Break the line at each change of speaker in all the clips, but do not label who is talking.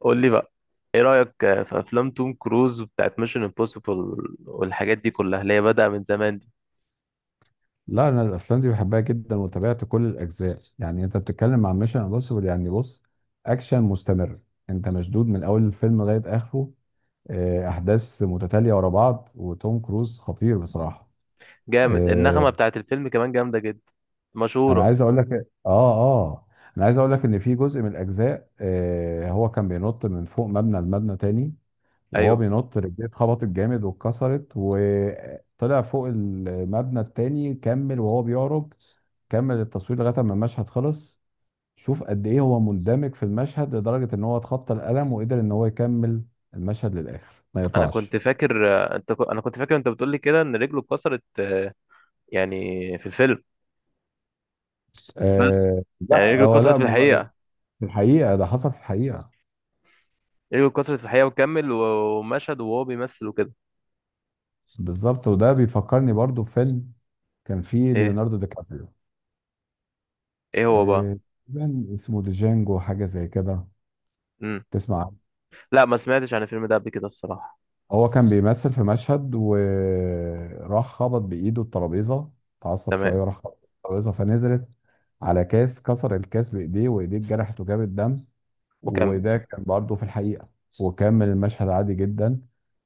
قول لي بقى، ايه رأيك في افلام توم كروز بتاعت ميشن امبوسيبل والحاجات دي كلها اللي هي بدأ من زمان دي.
لا، انا الافلام دي بحبها جدا وتابعت كل الاجزاء. يعني انت بتتكلم عن ميشن امبوسيبل، يعني بص، اكشن مستمر. انت مشدود من اول الفيلم لغايه اخره. احداث متتاليه ورا بعض، وتوم كروز خطير بصراحه.
جامد. النغمة
آه،
بتاعت الفيلم كمان جامدة جدا،
انا
مشهورة.
عايز اقول لك اه اه انا عايز اقول لك ان في جزء من الاجزاء، هو كان بينط من فوق مبنى لمبنى تاني. وهو
ايوه.
بينط رجليه اتخبطت جامد واتكسرت، وطلع فوق المبنى التاني كمل وهو بيعرج. كمل التصوير لغايه ما المشهد خلص. شوف قد ايه هو مندمج في المشهد، لدرجه ان هو اتخطى الالم وقدر ان هو يكمل المشهد للاخر ما
انا
يقطعش.
كنت فاكر. انا كنت فاكر انت بتقول لي كده ان رجله اتكسرت، يعني في الفيلم. بس يعني
لا،
رجله
هو
اتكسرت
لا،
في الحقيقة؟
في الحقيقه ده حصل في الحقيقه.
رجله اتكسرت في الحقيقة وكمل ومشهد وهو بيمثل وكده.
بالظبط. وده بيفكرني برضو بفيلم كان فيه
ايه،
ليوناردو دي كابريو.
ايه هو بقى؟
آه تقريباً اسمه ديجانجو، حاجه زي كده.
امم
تسمع؟
لا، ما سمعتش عن الفيلم ده قبل كده الصراحة.
هو كان بيمثل في مشهد وراح خبط بإيده الترابيزة. اتعصب
تمام.
شوية وراح خبط الترابيزة فنزلت على كاس، كسر الكاس بإيديه وإيديه اتجرحت وجابت دم.
وكمل.
وده كان برضه في الحقيقة. وكمل المشهد عادي جدا.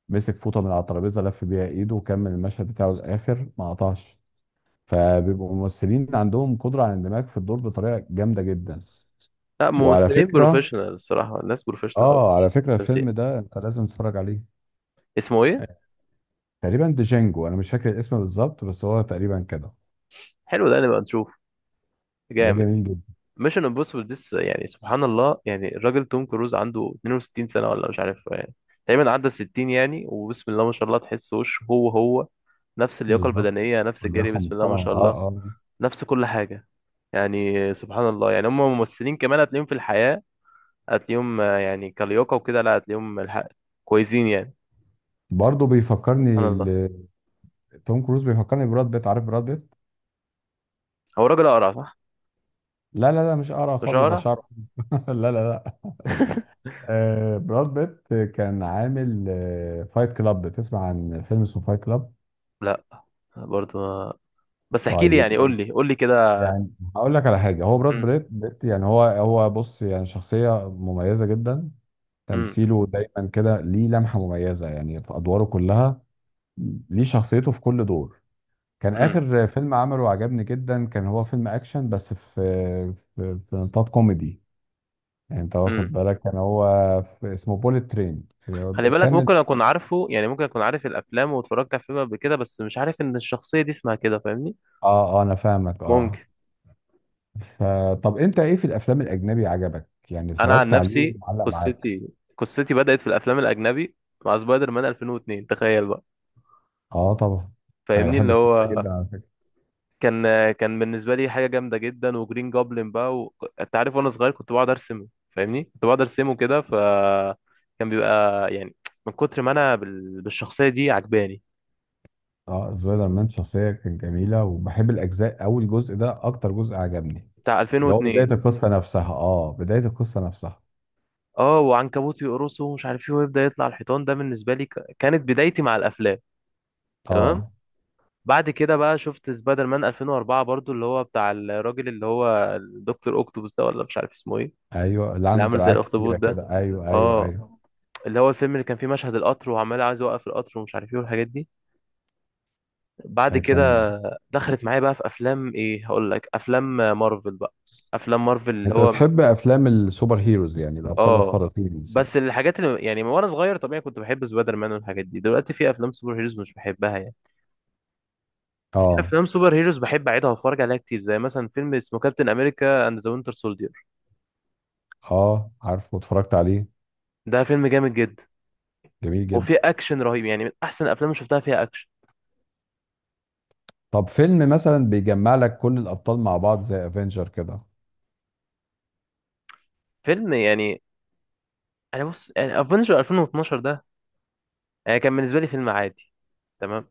مسك فوطة من على الترابيزة، لف بيها إيده وكمل المشهد بتاعه للآخر ما قطعش. فبيبقوا الممثلين عندهم قدرة على الاندماج في الدور بطريقة جامدة جدا.
لا،
وعلى
ممثلين
فكرة
بروفيشنال الصراحة، الناس بروفيشنال أوي
آه على
في
فكرة الفيلم
التمثيل.
ده أنت لازم تتفرج عليه.
اسمه إيه؟
تقريبا ديجانجو، انا مش فاكر الاسم بالظبط، بس هو تقريبا كده.
حلو، ده نبقى نشوف.
ده
جامد.
جميل جدا.
ميشن امبوسيبل ديس، يعني سبحان الله، يعني الراجل توم كروز عنده 62 سنة ولا مش عارف، يعني تقريبا عدى 60 يعني، وبسم الله ما شاء الله تحس وشه هو هو، نفس اللياقة
بالظبط.
البدنية، نفس الجري،
ولياقه
بسم الله ما
محترمه،
شاء
اه،
الله.
اه.
نفس كل حاجة، يعني سبحان الله. يعني هم ممثلين كمان هتلاقيهم في الحياة، هتلاقيهم يعني كلياقة وكده، لا هتلاقيهم الحق كويسين يعني.
برضه
سبحان
بيفكرني
الله.
توم كروز بيفكرني براد بيت. عارف براد بيت؟
هو راجل أقرع، صح؟
لا، لا، لا، مش قرع
مش
خالص، ده
أقرع؟
شعره. لا، لا، لا. براد بيت كان عامل فايت كلاب. تسمع عن فيلم اسمه فايت كلاب؟
لا. برضو بس احكي لي،
طيب
يعني قول
برضه،
لي، كده.
يعني هقول لك على حاجه. هو براد
مم.
بيت، يعني هو بص، يعني شخصيه مميزه جدا.
مم.
تمثيله دايما كده ليه لمحه مميزه، يعني في ادواره كلها. ليه شخصيته في كل دور. كان
مم.
اخر فيلم عمله عجبني جدا. كان هو فيلم اكشن، بس في نطاق كوميدي. يعني انت
مم.
واخد بالك، كان هو في، اسمه بوليت ترين.
خلي بالك،
كانت،
ممكن اكون عارفه يعني، ممكن اكون عارف الافلام واتفرجت على فيلم قبل كده بس مش عارف ان الشخصيه دي اسمها كده، فاهمني.
اه اه، انا فاهمك، اه.
ممكن.
فطب انت ايه في الافلام الاجنبي عجبك، يعني
انا عن
اتفرجت عليه
نفسي،
معلق معاك؟
قصتي بدات في الافلام الاجنبي مع سبايدر مان 2002، تخيل بقى.
اه طبعا. انا
فاهمني
بحب
اللي
الفيلم ده
هو
جدا على فكره.
كان، كان بالنسبه لي حاجه جامده جدا، وجرين جوبلin بقى و... انت عارف، وانا صغير كنت بقعد ارسم، فاهمني، كنت بقعد ارسمه كده. ف كان بيبقى يعني، من كتر ما انا بالشخصيه دي عجباني.
اه، سبايدر مان شخصيه كانت جميله، وبحب الاجزاء. اول جزء ده اكتر جزء عجبني.
بتاع
اللي هو
2002.
بدايه القصه نفسها.
اه، وعنكبوت يقرصه ومش عارف ايه، ويبدا يطلع الحيطان، ده بالنسبه لي كانت بدايتي مع الافلام. تمام.
اه،
بعد كده بقى شفت سبايدر مان 2004 برضو، اللي هو بتاع الراجل اللي هو الدكتور اوكتوبوس ده، ولا مش عارف اسمه ايه،
ايوه. اللي
اللي
عنده
عامل زي
دراعات
الاخطبوط
كتيره
ده.
كده، ايوه، ايوه،
اه.
ايوه.
اللي هو الفيلم اللي كان فيه مشهد القطر، وعمال عايز يوقف القطر ومش عارف ايه، والحاجات دي. بعد كده
كان.
دخلت معايا بقى في افلام ايه، هقول لك، افلام مارفل بقى. افلام مارفل اللي
انت
هو من-
بتحب افلام السوبر هيروز، يعني الابطال
اه.
الخارقين مثلا؟
بس الحاجات اللي يعني وانا صغير طبيعي كنت بحب سبايدر مان والحاجات دي، دلوقتي في افلام سوبر هيروز مش بحبها يعني. في
اه،
افلام سوبر هيروز بحب اعيدها واتفرج عليها كتير، زي مثلا فيلم اسمه كابتن امريكا اند ذا وينتر سولدير.
اه، عارفه واتفرجت عليه.
ده فيلم جامد جدا،
جميل
وفيه
جدا.
اكشن رهيب، يعني من احسن الافلام اللي شفتها فيها اكشن.
طب فيلم مثلا بيجمع لك كل الابطال مع بعض، زي افنجر كده؟
فيلم يعني، انا بص يعني افنجر 2012 كان بالنسبه لي فيلم عادي. تمام.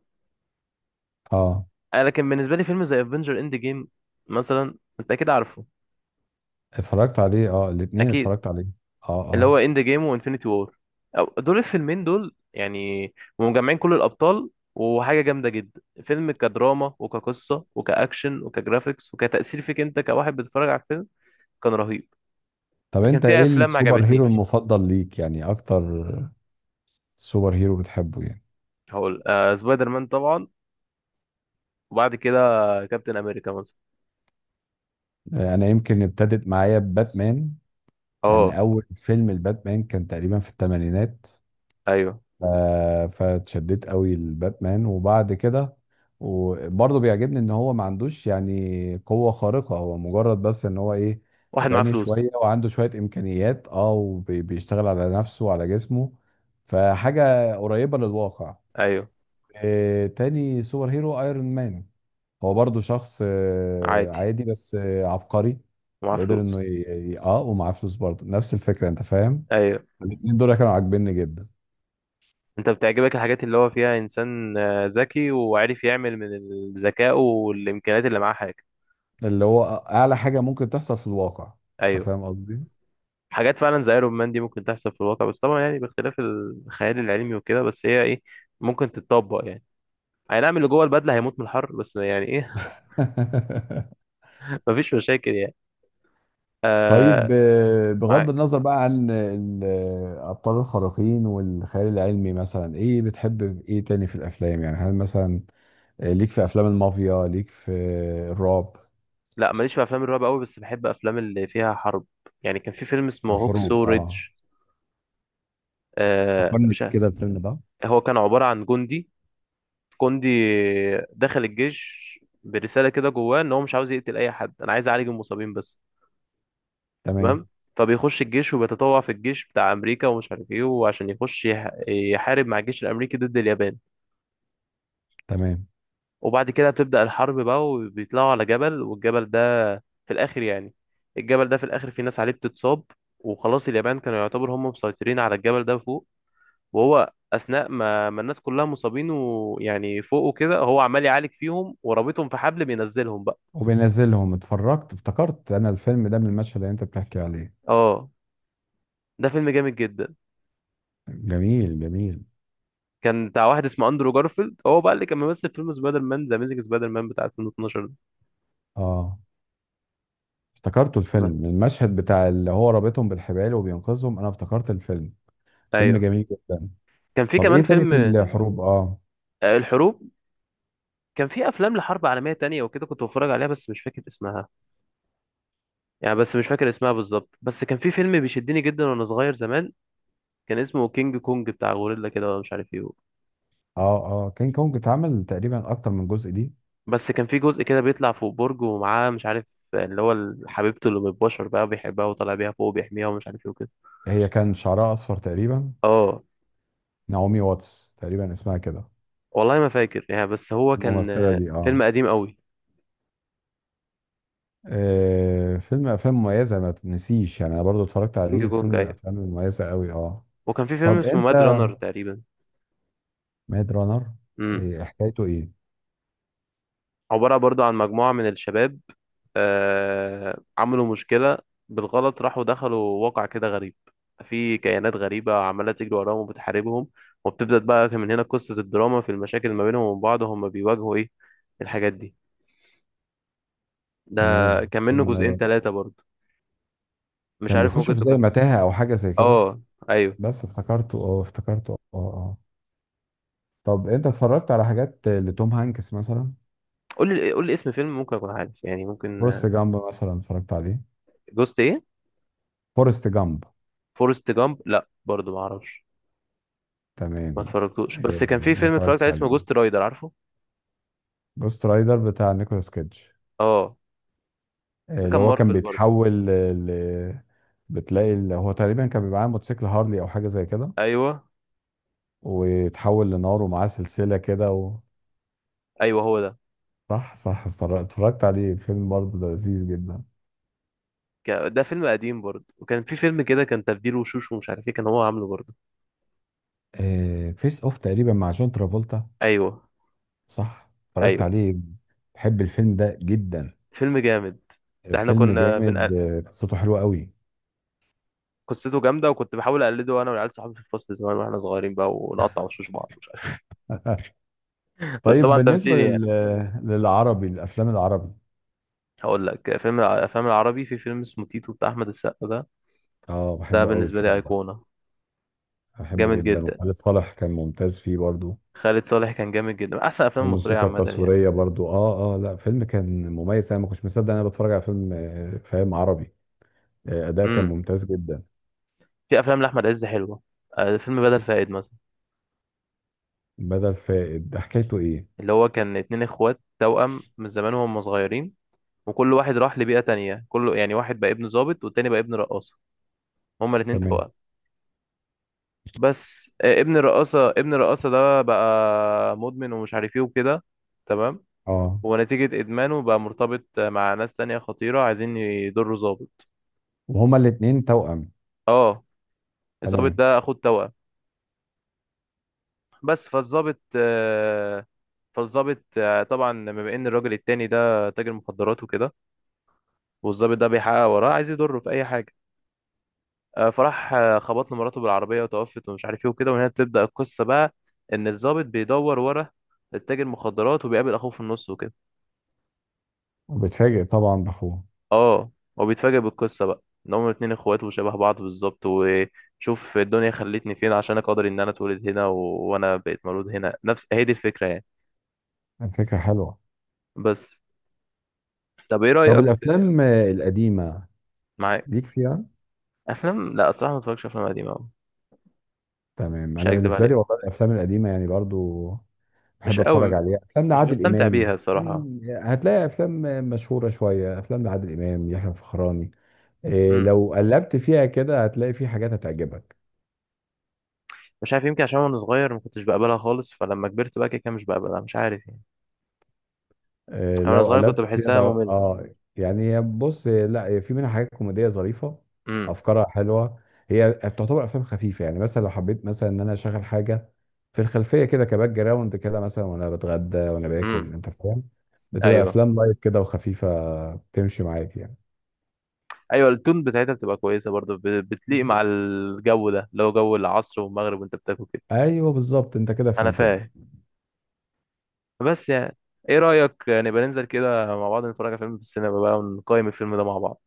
اه،
لكن بالنسبه لي فيلم زي افنجر اند جيم مثلا، انت اكيد عارفه.
اتفرجت عليه، اه الاتنين
اكيد.
اتفرجت عليه. اه،
اللي هو
اه.
اند جيم وانفينيتي وور، دول الفيلمين دول يعني مجمعين كل الابطال، وحاجه جامده جدا، فيلم كدراما وكقصه وكاكشن وكجرافيكس وكتاثير فيك انت كواحد بتتفرج على الفيلم، كان رهيب.
طب
لكن
انت
في
ايه
افلام ما
السوبر هيرو
عجبتنيش.
المفضل ليك، يعني اكتر سوبر هيرو بتحبه يعني؟
هقول آه سبايدر مان طبعا، وبعد كده كابتن امريكا مثلا.
انا يمكن ابتدت معايا باتمان. لان
اه.
اول فيلم الباتمان كان تقريبا في الثمانينات.
ايوه.
ف- فاتشددت قوي لباتمان وبعد كده. وبرضه بيعجبني ان هو ما عندوش يعني قوة خارقة، هو مجرد بس ان هو ايه،
واحد معاه
غني
فلوس.
شوية وعنده شوية امكانيات، اه، وبيشتغل على نفسه وعلى جسمه. فحاجة قريبة للواقع.
ايوه
تاني سوبر هيرو ايرون مان. هو برضه شخص
عادي،
عادي، بس عبقري.
ومعاه
وقدر
فلوس.
انه ومعاه فلوس برضه نفس الفكرة، انت فاهم.
ايوه.
الاتنين دول كانوا عاجبني جدا.
انت بتعجبك الحاجات اللي هو فيها انسان ذكي وعارف يعمل من الذكاء والامكانيات اللي معاه حاجه.
اللي هو اعلى حاجه ممكن تحصل في الواقع. انت
ايوه.
فاهم قصدي؟
حاجات فعلا زي ايرون مان دي ممكن تحصل في الواقع، بس طبعا يعني باختلاف الخيال العلمي وكده، بس هي ايه، ممكن تتطبق يعني. اي نعم، اللي جوه البدله هيموت من الحر، بس يعني ايه، مفيش مشاكل يعني. آه.
طيب ايوه. بغض
معاك.
النظر بقى عن الابطال الخارقين والخيال العلمي، مثلا ايه بتحب؟ ايه تاني في الافلام، يعني هل مثلا ليك في افلام المافيا، ليك في الرعب؟
لا، ماليش في افلام الرعب قوي، بس بحب افلام اللي فيها حرب. يعني كان في فيلم اسمه هوكسو
الحروب،
ريدج،
اه.
آه
فكرني
مش
بيه
عارف.
كده الفيلم ده.
هو كان عباره عن جندي، كوندي دخل الجيش برسالة كده جواه ان هو مش عاوز يقتل اي حد، انا عايز اعالج المصابين بس.
تمام،
تمام. فبيخش الجيش وبيتطوع في الجيش بتاع امريكا ومش عارف ايه، وعشان يخش يحارب مع الجيش الامريكي ضد اليابان.
تمام.
وبعد كده بتبدأ الحرب بقى وبيطلعوا على جبل، والجبل ده في الاخر يعني، الجبل ده في الاخر في ناس عليه بتتصاب، وخلاص اليابان كانوا يعتبر هم مسيطرين على الجبل ده فوق. وهو اثناء ما الناس كلها مصابين ويعني فوق وكده، هو عمال يعالج فيهم ورابطهم في حبل بينزلهم.
وبينزلهم، اتفرجت، افتكرت انا الفيلم ده من المشهد اللي انت بتحكي عليه.
اه. ده فيلم جامد جدا.
جميل، جميل.
كان بتاع واحد اسمه اندرو جارفيلد، هو بقى اللي كان ممثل في فيلم سبايدر مان ذا اميزنج سبايدر مان بتاع 2012 ده.
اه افتكرته الفيلم.
بس.
المشهد بتاع اللي هو رابطهم بالحبال وبينقذهم، انا افتكرت الفيلم. فيلم
ايوه،
جميل جدا.
كان في
طب ايه
كمان
تاني
فيلم
في الحروب، اه؟
الحروب. كان في افلام لحرب عالميه تانية وكده كنت بتفرج عليها بس مش فاكر اسمها، يعني بس مش فاكر اسمها بالظبط. بس كان في فيلم بيشدني جدا وانا صغير زمان، كان اسمه كينج كونج بتاع غوريلا كده، ولا مش عارف ايه.
اه، اه، كينج كونج اتعمل تقريبا اكتر من جزء دي.
بس كان في جزء كده بيطلع فوق برج ومعاه مش عارف، اللي هو حبيبته اللي بالبشر بقى بيحبها، وطالع بيها فوق وبيحميها ومش عارف ايه وكده.
هي كان شعرها اصفر تقريبا.
اه.
نعومي واتس تقريبا اسمها كده.
والله ما فاكر يعني، بس هو كان
الممثلة دي،
فيلم
اه.
قديم قوي.
افلام مميزة ما تنسيش، يعني انا برضو اتفرجت
كينج
عليه.
كونج، ايوه.
افلام مميزة قوي، اه.
وكان في فيلم
طب
اسمه
انت،
ماد رانر تقريبا.
ميد رانر
امم
إيه حكايته، ايه؟
عبارة برضو عن مجموعة من الشباب، آه، عملوا مشكلة بالغلط، راحوا دخلوا واقع كده غريب، في كيانات غريبة عمالة تجري وراهم وبتحاربهم، وبتبدأ بقى من هنا قصة الدراما في المشاكل ما بينهم وبين بعض، وهم بيواجهوا ايه، الحاجات دي. ده
تمام،
كان منه جزئين
كان.
ثلاثة برضو، مش
كان
عارف،
بيخشوا
ممكن
في زي
تكون.
متاهة او حاجة زي كده.
اه، ايوه.
بس افتكرته، اه، اه. طب انت اتفرجت على حاجات لتوم هانكس مثلا؟
قول لي، اسم فيلم ممكن اكون عارف، يعني ممكن.
فورست جامب مثلا اتفرجت عليه؟
جوست ايه؟
فورست جامب.
فورست جامب، لا برضو ما اعرفش، ما
تمام.
اتفرجتوش. بس
إيه،
كان في
ما
فيلم اتفرجت
اتفرجتش
عليه اسمه
عليه.
جوست رايدر، عارفه.
جوست رايدر بتاع نيكولاس كيدج؟
اه.
إيه،
ده
اللي
كان
هو كان
مارفل برضو.
بيتحول ل- بتلاقي اللي هو تقريبا كان بيبقى معاه موتوسيكل هارلي او حاجه زي كده.
ايوه،
ويتحول لنار، ومعاه سلسله كده و...
ايوه هو ده.
صح، صح، اتفرجت عليه. فيلم برضه ده لذيذ جدا.
ده فيلم قديم برضو. وكان في فيلم كده كان تبديل وشوش ومش عارف ايه، كان هو عامله برضو.
فيس اوف تقريبا، مع جون ترافولتا؟
ايوه.
صح، اتفرجت
ايوه.
عليه. بحب الفيلم ده جدا.
فيلم جامد. ده احنا
فيلم
كنا
جامد.
بنقل...
قصته حلوه قوي.
قصته جامده، وكنت بحاول اقلده انا والعيال صحابي في الفصل زمان واحنا صغيرين بقى، ونقطع وشوش بعض مش عارف، بس
طيب
طبعا
بالنسبه
تمثيل يعني.
للعربي، الافلام العربي.
هقول لك فيلم، الافلام العربي في فيلم اسمه تيتو بتاع احمد السقا ده،
اه،
ده
بحبه قوي
بالنسبه لي
الفيلم ده.
ايقونه.
بحبه
جامد
جدا،
جدا.
وخالد صالح كان ممتاز فيه برضو.
خالد صالح كان جامد جدا، من احسن الافلام المصريه
الموسيقى
عامه يعني.
التصويريه برضو، اه، اه. لا، فيلم كان مميز، انا ما كنتش مصدق إن انا بتفرج على فيلم فاهم، عربي. اداء كان
امم
ممتاز جدا.
في افلام لاحمد عز حلوه، فيلم بدل فائد مثلا.
بدل فائد ده، حكايته ايه؟
اللي هو كان اتنين اخوات توأم من زمان وهم صغيرين، وكل واحد راح لبيئه تانية، كله يعني واحد بقى ابن ضابط والتاني بقى ابن رقاصه، هما الاتنين
تمام.
توأم. بس ابن الرقاصه ده بقى مدمن ومش عارف ايه وكده. تمام.
اه.
ونتيجه ادمانه بقى مرتبط مع ناس تانية خطيره عايزين يضروا ضابط.
وهما الاتنين توأم؟
اه. الضابط
تمام.
ده اخو التوأم. بس فالظابط طبعا، بما ان الراجل التاني ده تاجر مخدرات وكده، والظابط ده بيحقق وراه عايز يضره في اي حاجه. فراح خبط له مراته بالعربيه وتوفت ومش عارف ايه وكده، وهنا بتبدا القصه بقى، ان الظابط بيدور ورا التاجر مخدرات، وبيقابل اخوه في النص وكده.
وبتفاجئ طبعا باخوه.
اه. وبيتفاجئ بالقصه بقى ان هما الاتنين اخوات وشبه بعض بالظبط. وشوف الدنيا خلتني فين عشان اقدر ان انا اتولد هنا و... وانا بقيت مولود هنا، نفس هي دي الفكره يعني.
الفكره حلوه.
بس. طب ايه
طب
رايك؟
الافلام القديمه،
معاك.
ليك فيها؟
افلام، لا الصراحه ما بتفرجش افلام قديمه أوي.
تمام.
مش
انا
هكدب
بالنسبه لي
عليك.
والله الافلام القديمه يعني برضو
مش
بحب اتفرج
قوي،
عليها، افلام
مش
لعادل
بستمتع بيها
امام
الصراحه.
يعني. هتلاقي افلام مشهوره شويه، افلام لعادل امام، يحيى الفخراني. إيه،
امم
لو قلبت فيها كده هتلاقي في حاجات هتعجبك.
مش عارف، يمكن عشان وانا صغير ما كنتش بقبلها خالص، فلما كبرت بقى كده كده مش بقبلها، مش عارف يعني. أنا وانا
لو
صغير كنت
قلبت فيها ده،
بحسها ممله.
اه. يعني بص، لا، في منها حاجات كوميديه ظريفه.
امم
افكارها حلوه. هي بتعتبر افلام خفيفه، يعني مثلا لو حبيت مثلا ان انا اشغل حاجه في الخلفيه كده، كباك جراوند كده مثلا، وانا بتغدى وانا
امم
باكل، انت فاهم. بتبقى
ايوه.
افلام لايت كده وخفيفه. بتمشي معاك يعني.
ايوه، التون بتاعتها بتبقى كويسه برضه، بتليق مع الجو ده اللي هو جو العصر والمغرب وانت بتاكل كده.
ايوه بالظبط، انت كده
انا
فهمتني.
فاهم. بس يعني، ايه رايك نبقى ننزل كده مع بعض، نتفرج على فيلم في السينما بقى، ونقيم الفيلم ده مع بعض؟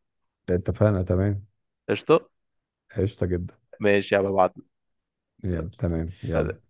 اتفقنا، تمام.
قشطه.
قشطه جدا.
ماشي يا ببعت.
يعني
يلا.
تمام، يلا.
سلام.